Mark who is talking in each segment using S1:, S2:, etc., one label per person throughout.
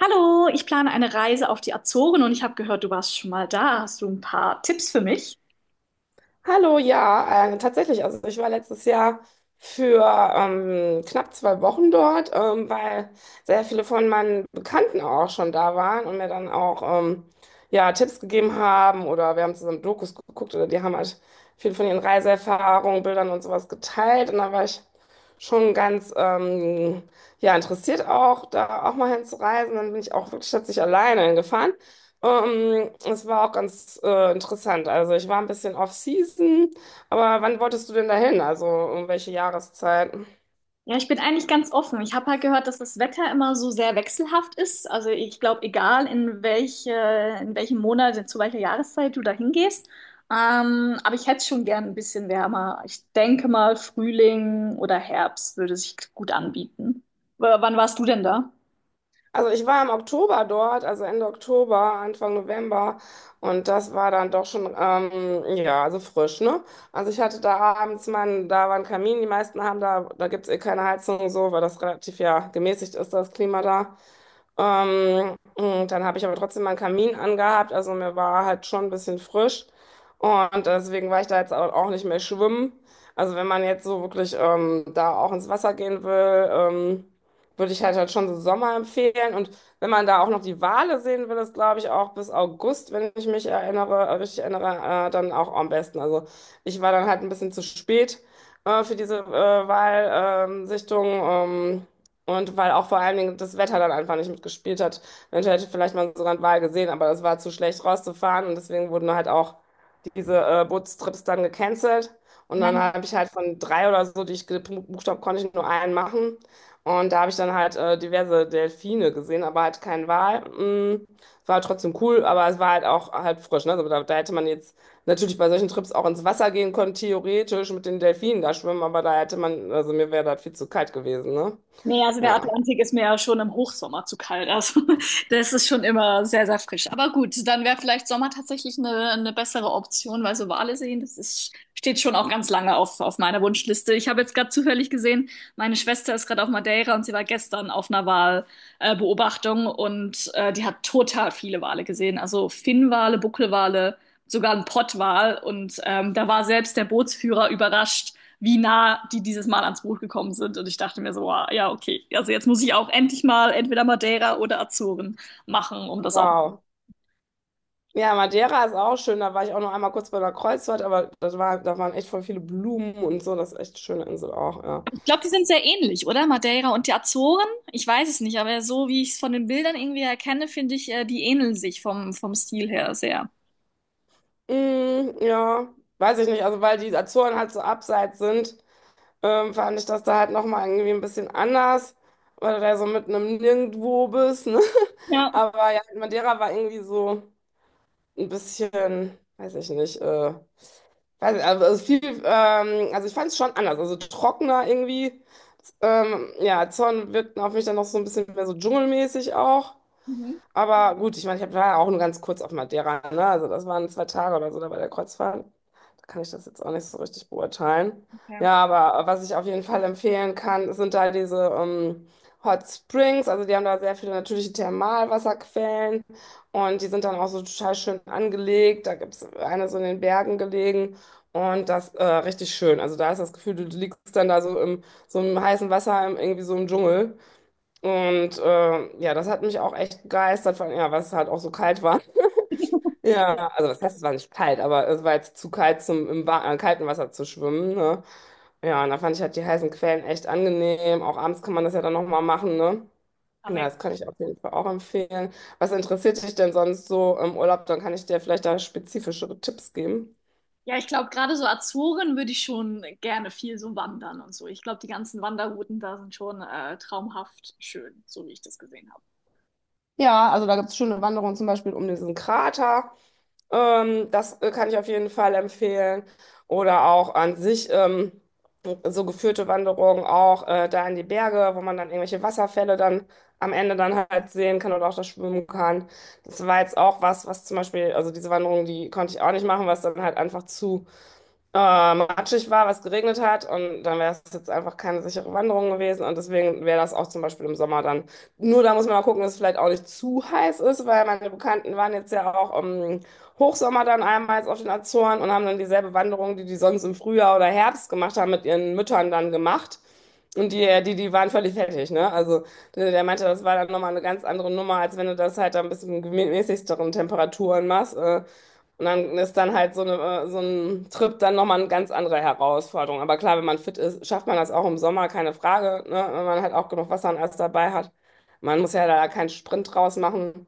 S1: Hallo, ich plane eine Reise auf die Azoren und ich habe gehört, du warst schon mal da. Hast du ein paar Tipps für mich?
S2: Hallo, ja, tatsächlich. Also ich war letztes Jahr für knapp 2 Wochen dort, weil sehr viele von meinen Bekannten auch schon da waren und mir dann auch ja, Tipps gegeben haben oder wir haben zusammen Dokus geguckt oder die haben halt viel von ihren Reiseerfahrungen, Bildern und sowas geteilt. Und da war ich schon ganz ja, interessiert auch, da auch mal hinzureisen. Dann bin ich auch wirklich tatsächlich alleine hingefahren. Es war auch ganz interessant. Also ich war ein bisschen off-season, aber wann wolltest du denn dahin? Also um welche Jahreszeit?
S1: Ja, ich bin eigentlich ganz offen. Ich habe halt gehört, dass das Wetter immer so sehr wechselhaft ist. Also ich glaube, egal in welche, in welchem Monat, zu welcher Jahreszeit du da hingehst. Aber ich hätte schon gern ein bisschen wärmer. Ich denke mal, Frühling oder Herbst würde sich gut anbieten. W wann warst du denn da?
S2: Also ich war im Oktober dort, also Ende Oktober, Anfang November, und das war dann doch schon, ja, also frisch, ne? Also ich hatte da abends meinen, da war ein Kamin, die meisten haben da, da gibt's eh keine Heizung und so, weil das relativ ja gemäßigt ist, das Klima da. Und dann habe ich aber trotzdem meinen Kamin angehabt, also mir war halt schon ein bisschen frisch. Und deswegen war ich da jetzt auch nicht mehr schwimmen. Also wenn man jetzt so wirklich da auch ins Wasser gehen will, würde ich halt schon so Sommer empfehlen. Und wenn man da auch noch die Wale sehen will, ist, glaube ich, auch bis August, wenn ich mich richtig erinnere, dann auch am besten. Also ich war dann halt ein bisschen zu spät für diese Walsichtung. Und weil auch vor allen Dingen das Wetter dann einfach nicht mitgespielt hat. Eventuell hätte ich vielleicht mal sogar einen Wal gesehen, aber das war zu schlecht rauszufahren. Und deswegen wurden halt auch diese Bootstrips dann gecancelt. Und dann habe ich halt von drei oder so, die ich gebucht habe, konnte ich nur einen machen. Und da habe ich dann halt diverse Delfine gesehen, aber halt kein Wal. War halt trotzdem cool, aber es war halt auch halt frisch. Ne? Also da, da hätte man jetzt natürlich bei solchen Trips auch ins Wasser gehen können, theoretisch mit den Delfinen da schwimmen, aber da hätte man, also mir wäre das viel zu kalt gewesen, ne?
S1: Nee, also der
S2: Ja.
S1: Atlantik ist mir ja schon im Hochsommer zu kalt. Also das ist schon immer sehr, sehr frisch. Aber gut, dann wäre vielleicht Sommer tatsächlich eine bessere Option, weil so Wale sehen, das ist, steht schon auch ganz lange auf meiner Wunschliste. Ich habe jetzt gerade zufällig gesehen, meine Schwester ist gerade auf Madeira und sie war gestern auf einer Walbeobachtung Beobachtung und die hat total viele Wale gesehen. Also Finnwale, Buckelwale, sogar ein Pottwal. Und da war selbst der Bootsführer überrascht, wie nah die dieses Mal ans Boot gekommen sind. Und ich dachte mir so, wow, ja, okay. Also jetzt muss ich auch endlich mal entweder Madeira oder Azoren machen, um das auch.
S2: Wow. Ja, Madeira ist auch schön. Da war ich auch noch einmal kurz bei der Kreuzfahrt, aber das war, da waren echt voll viele Blumen und so. Das ist echt eine schöne Insel auch, ja.
S1: Ich glaube, die sind sehr ähnlich, oder? Madeira und die Azoren? Ich weiß es nicht, aber so wie ich es von den Bildern irgendwie erkenne, finde ich, die ähneln sich vom, vom Stil her sehr.
S2: Mm, ja, weiß ich nicht. Also weil die Azoren halt so abseits sind, fand ich das da halt nochmal irgendwie ein bisschen anders, weil du da so mitten im Nirgendwo bist, ne?
S1: Ja.
S2: Aber ja, halt Madeira war irgendwie so ein bisschen, weiß ich nicht, weiß ich, also viel, also ich fand es schon anders, also trockener irgendwie. Ja, Zorn wirkt auf mich dann noch so ein bisschen mehr so dschungelmäßig auch.
S1: Mhm.
S2: Aber gut, ich meine, ich war ja auch nur ganz kurz auf Madeira, ne? Also das waren 2 Tage oder so da bei der Kreuzfahrt. Da kann ich das jetzt auch nicht so richtig beurteilen.
S1: Ja.
S2: Ja, aber was ich auf jeden Fall empfehlen kann, sind da diese Hot Springs. Also die haben da sehr viele natürliche Thermalwasserquellen, und die sind dann auch so total schön angelegt. Da gibt es eine so in den Bergen gelegen. Und das richtig schön. Also da ist das Gefühl, du liegst dann da so im heißen Wasser, im, irgendwie so im Dschungel. Und ja, das hat mich auch echt begeistert, vor allem, ja, weil es halt auch so kalt war. Ja, also das heißt, es war nicht kalt, aber es war jetzt zu kalt, zum kalten Wasser zu schwimmen, ne? Ja, und da fand ich halt die heißen Quellen echt angenehm. Auch abends kann man das ja dann nochmal machen, ne?
S1: Ah,
S2: Ja,
S1: mega.
S2: das kann ich auf jeden Fall auch empfehlen. Was interessiert dich denn sonst so im Urlaub? Dann kann ich dir vielleicht da spezifischere Tipps geben.
S1: Ja, ich glaube, gerade so Azoren würde ich schon gerne viel so wandern und so. Ich glaube, die ganzen Wanderrouten da sind schon traumhaft schön, so wie ich das gesehen habe.
S2: Ja, also da gibt es schöne Wanderungen zum Beispiel um diesen Krater. Das kann ich auf jeden Fall empfehlen. Oder auch an sich so geführte Wanderungen auch da in die Berge, wo man dann irgendwelche Wasserfälle dann am Ende dann halt sehen kann oder auch da schwimmen kann. Das war jetzt auch was, was zum Beispiel, also diese Wanderung, die konnte ich auch nicht machen, was dann halt einfach zu matschig war, was geregnet hat, und dann wäre es jetzt einfach keine sichere Wanderung gewesen, und deswegen wäre das auch zum Beispiel im Sommer dann. Nur da muss man mal gucken, dass es vielleicht auch nicht zu heiß ist, weil meine Bekannten waren jetzt ja auch im Hochsommer dann einmal jetzt auf den Azoren und haben dann dieselbe Wanderung, die die sonst im Frühjahr oder Herbst gemacht haben, mit ihren Müttern dann gemacht. Und die waren völlig fertig, ne? Also der meinte, das war dann nochmal eine ganz andere Nummer, als wenn du das halt dann ein bisschen gemäßigteren Temperaturen machst. Und dann ist dann halt so eine, so ein Trip dann nochmal eine ganz andere Herausforderung. Aber klar, wenn man fit ist, schafft man das auch im Sommer, keine Frage, ne? Wenn man halt auch genug Wasser und alles dabei hat. Man muss ja da keinen Sprint draus machen.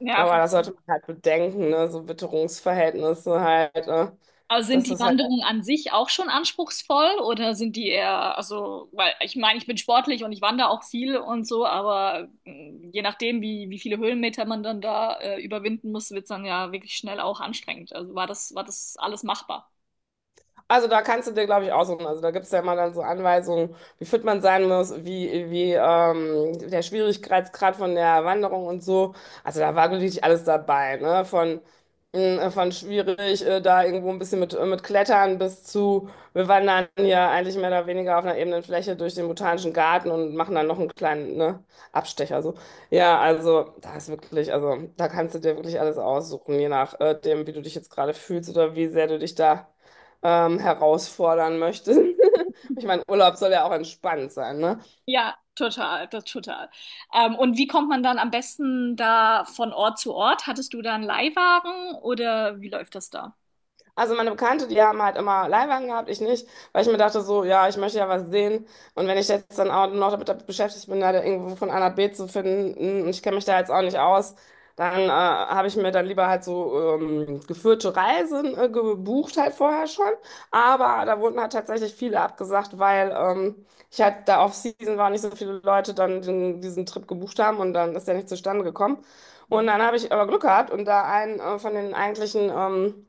S1: Ja,
S2: Aber das
S1: verstehe.
S2: sollte man halt bedenken, ne? So Witterungsverhältnisse halt.
S1: Aber sind
S2: Dass
S1: die
S2: das
S1: Wanderungen an sich auch schon anspruchsvoll oder sind die eher, also, weil ich meine, ich bin sportlich und ich wandere auch viel und so, aber mh, je nachdem, wie, wie viele Höhenmeter man dann da überwinden muss, wird es dann ja wirklich schnell auch anstrengend. Also war das alles machbar?
S2: Also da kannst du dir, glaube ich, aussuchen. Also da gibt es ja immer dann so Anweisungen, wie fit man sein muss, wie, wie der Schwierigkeitsgrad von der Wanderung und so. Also da war wirklich alles dabei, ne? Von schwierig, da irgendwo ein bisschen mit Klettern bis zu, wir wandern hier eigentlich mehr oder weniger auf einer ebenen Fläche durch den Botanischen Garten und machen dann noch einen kleinen, ne, Abstecher. So. Ja, also da ist wirklich, also da kannst du dir wirklich alles aussuchen, je nachdem, wie du dich jetzt gerade fühlst oder wie sehr du dich da herausfordern möchte. Ich meine, Urlaub soll ja auch entspannt sein, ne?
S1: Ja, total, das total. Und wie kommt man dann am besten da von Ort zu Ort? Hattest du da einen Leihwagen oder wie läuft das da?
S2: Also meine Bekannte, die haben halt immer Leihwagen gehabt, ich nicht, weil ich mir dachte so, ja, ich möchte ja was sehen. Und wenn ich jetzt dann auch noch damit beschäftigt bin, da irgendwo von A nach B zu finden, und ich kenne mich da jetzt auch nicht aus, dann habe ich mir dann lieber halt so geführte Reisen gebucht halt vorher schon. Aber da wurden halt tatsächlich viele abgesagt, weil ich halt da off-season war und nicht so viele Leute dann diesen Trip gebucht haben und dann ist der nicht zustande gekommen. Und
S1: Ja.
S2: dann habe ich aber Glück gehabt und da einen von den eigentlichen...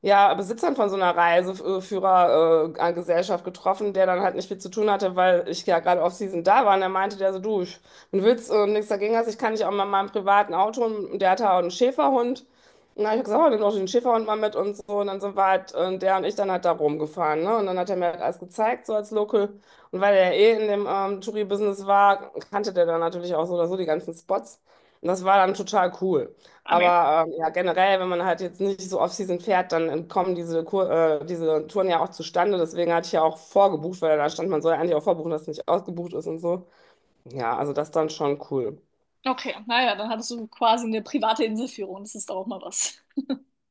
S2: ja, Besitzern von so einer Reiseführergesellschaft getroffen, der dann halt nicht viel zu tun hatte, weil ich ja gerade Off-Season da war. Und er meinte der so, du, wenn du willst und nichts dagegen hast, ich kann dich auch mal in meinem privaten Auto, und der hatte auch einen Schäferhund. Und dann habe ich gesagt, oh, nimm doch den Schäferhund mal mit und so. Und dann sind wir halt, der und ich dann halt da rumgefahren. Ne? Und dann hat er mir halt alles gezeigt, so als Local. Und weil er eh in dem Touri-Business war, kannte der dann natürlich auch so oder so die ganzen Spots. Und das war dann total cool.
S1: Ah, nee.
S2: Aber ja, generell, wenn man halt jetzt nicht so Off-Season fährt, dann kommen diese Touren ja auch zustande. Deswegen hatte ich ja auch vorgebucht, weil da stand, man soll ja eigentlich auch vorbuchen, dass es nicht ausgebucht ist und so. Ja, also das ist dann schon cool.
S1: Okay, naja, dann hattest du quasi eine private Inselführung. Das ist doch auch mal was.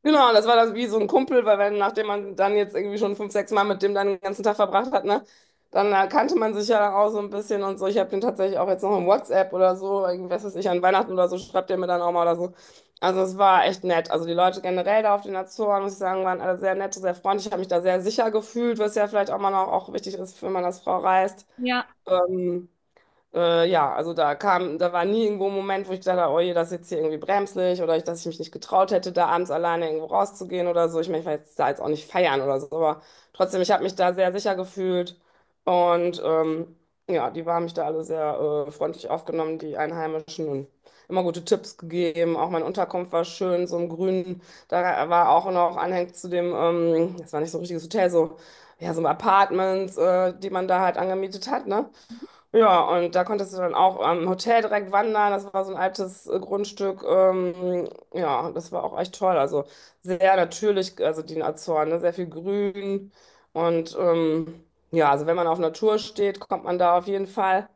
S2: Genau, das war das wie so ein Kumpel, weil wenn, nachdem man dann jetzt irgendwie schon fünf, sechs Mal mit dem dann den ganzen Tag verbracht hat, ne, dann kannte man sich ja auch so ein bisschen und so. Ich habe den tatsächlich auch jetzt noch im WhatsApp oder so, irgendwie, was weiß ich, an Weihnachten oder so, schreibt der mir dann auch mal oder so. Also es war echt nett. Also die Leute generell da auf den Azoren, muss ich sagen, waren alle sehr nett, sehr freundlich. Ich habe mich da sehr sicher gefühlt, was ja vielleicht auch mal noch auch wichtig ist, wenn man als Frau reist.
S1: Ja,
S2: Ähm, ja, also da kam, da war nie irgendwo ein Moment, wo ich gedacht habe, oh je, das ist jetzt hier irgendwie bremslich oder dass ich mich nicht getraut hätte, da abends alleine irgendwo rauszugehen oder so. Ich meine, ich war jetzt da jetzt auch nicht feiern oder so, aber trotzdem, ich habe mich da sehr sicher gefühlt, und ja, die haben mich da alle sehr freundlich aufgenommen, die Einheimischen, und immer gute Tipps gegeben. Auch meine Unterkunft war schön, so im Grünen. Da war auch noch anhängt zu dem, das war nicht so ein richtiges Hotel, so, ja, so Apartments, die man da halt angemietet hat, ne? Ja, und da konntest du dann auch am Hotel direkt wandern. Das war so ein altes Grundstück. Ja, das war auch echt toll. Also sehr natürlich, also die Azoren, ne? Sehr viel Grün. Und ja, also wenn man auf Natur steht, kommt man da auf jeden Fall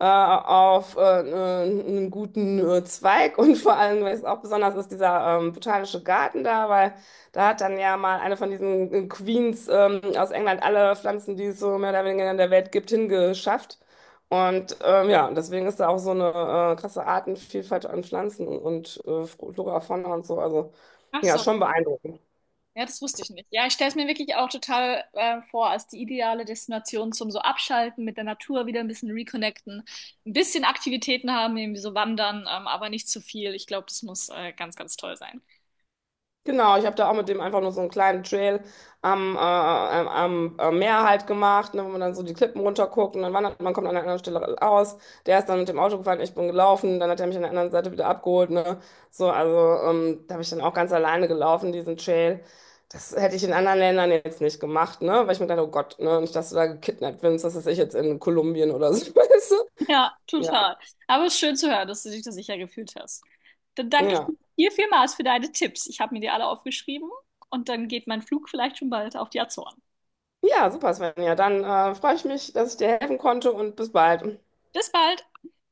S2: auf einen guten Zweig und vor allem, was auch besonders ist, dieser botanische Garten da, weil da hat dann ja mal eine von diesen Queens aus England alle Pflanzen, die es so mehr oder weniger in der Welt gibt, hingeschafft. Und ja, deswegen ist da auch so eine krasse Artenvielfalt an Pflanzen und Flora, Fauna und so. Also
S1: ach
S2: ja, ist
S1: so.
S2: schon beeindruckend.
S1: Ja, das wusste ich nicht. Ja, ich stelle es mir wirklich auch total vor als die ideale Destination zum so Abschalten, mit der Natur wieder ein bisschen reconnecten, ein bisschen Aktivitäten haben, irgendwie so wandern, aber nicht zu viel. Ich glaube, das muss ganz, ganz toll sein.
S2: Genau, ich habe da auch mit dem einfach nur so einen kleinen Trail am Meer halt gemacht, ne, wo man dann so die Klippen runterguckt und dann wandert man, kommt an einer anderen Stelle aus. Der ist dann mit dem Auto gefahren, ich bin gelaufen, dann hat er mich an der anderen Seite wieder abgeholt. Ne? So, also da habe ich dann auch ganz alleine gelaufen, diesen Trail. Das hätte ich in anderen Ländern jetzt nicht gemacht, ne? Weil ich mir dachte, oh Gott, ne? Nicht, dass du da gekidnappt wirst, das ist ich jetzt in Kolumbien oder so, weißt du?
S1: Ja,
S2: Ja,
S1: total. Aber es ist schön zu hören, dass du dich da sicher gefühlt hast. Dann danke ich
S2: ja.
S1: dir vielmals für deine Tipps. Ich habe mir die alle aufgeschrieben und dann geht mein Flug vielleicht schon bald auf die Azoren.
S2: Ja, super, Svenja. Dann freue ich mich, dass ich dir helfen konnte, und bis bald.
S1: Bis bald!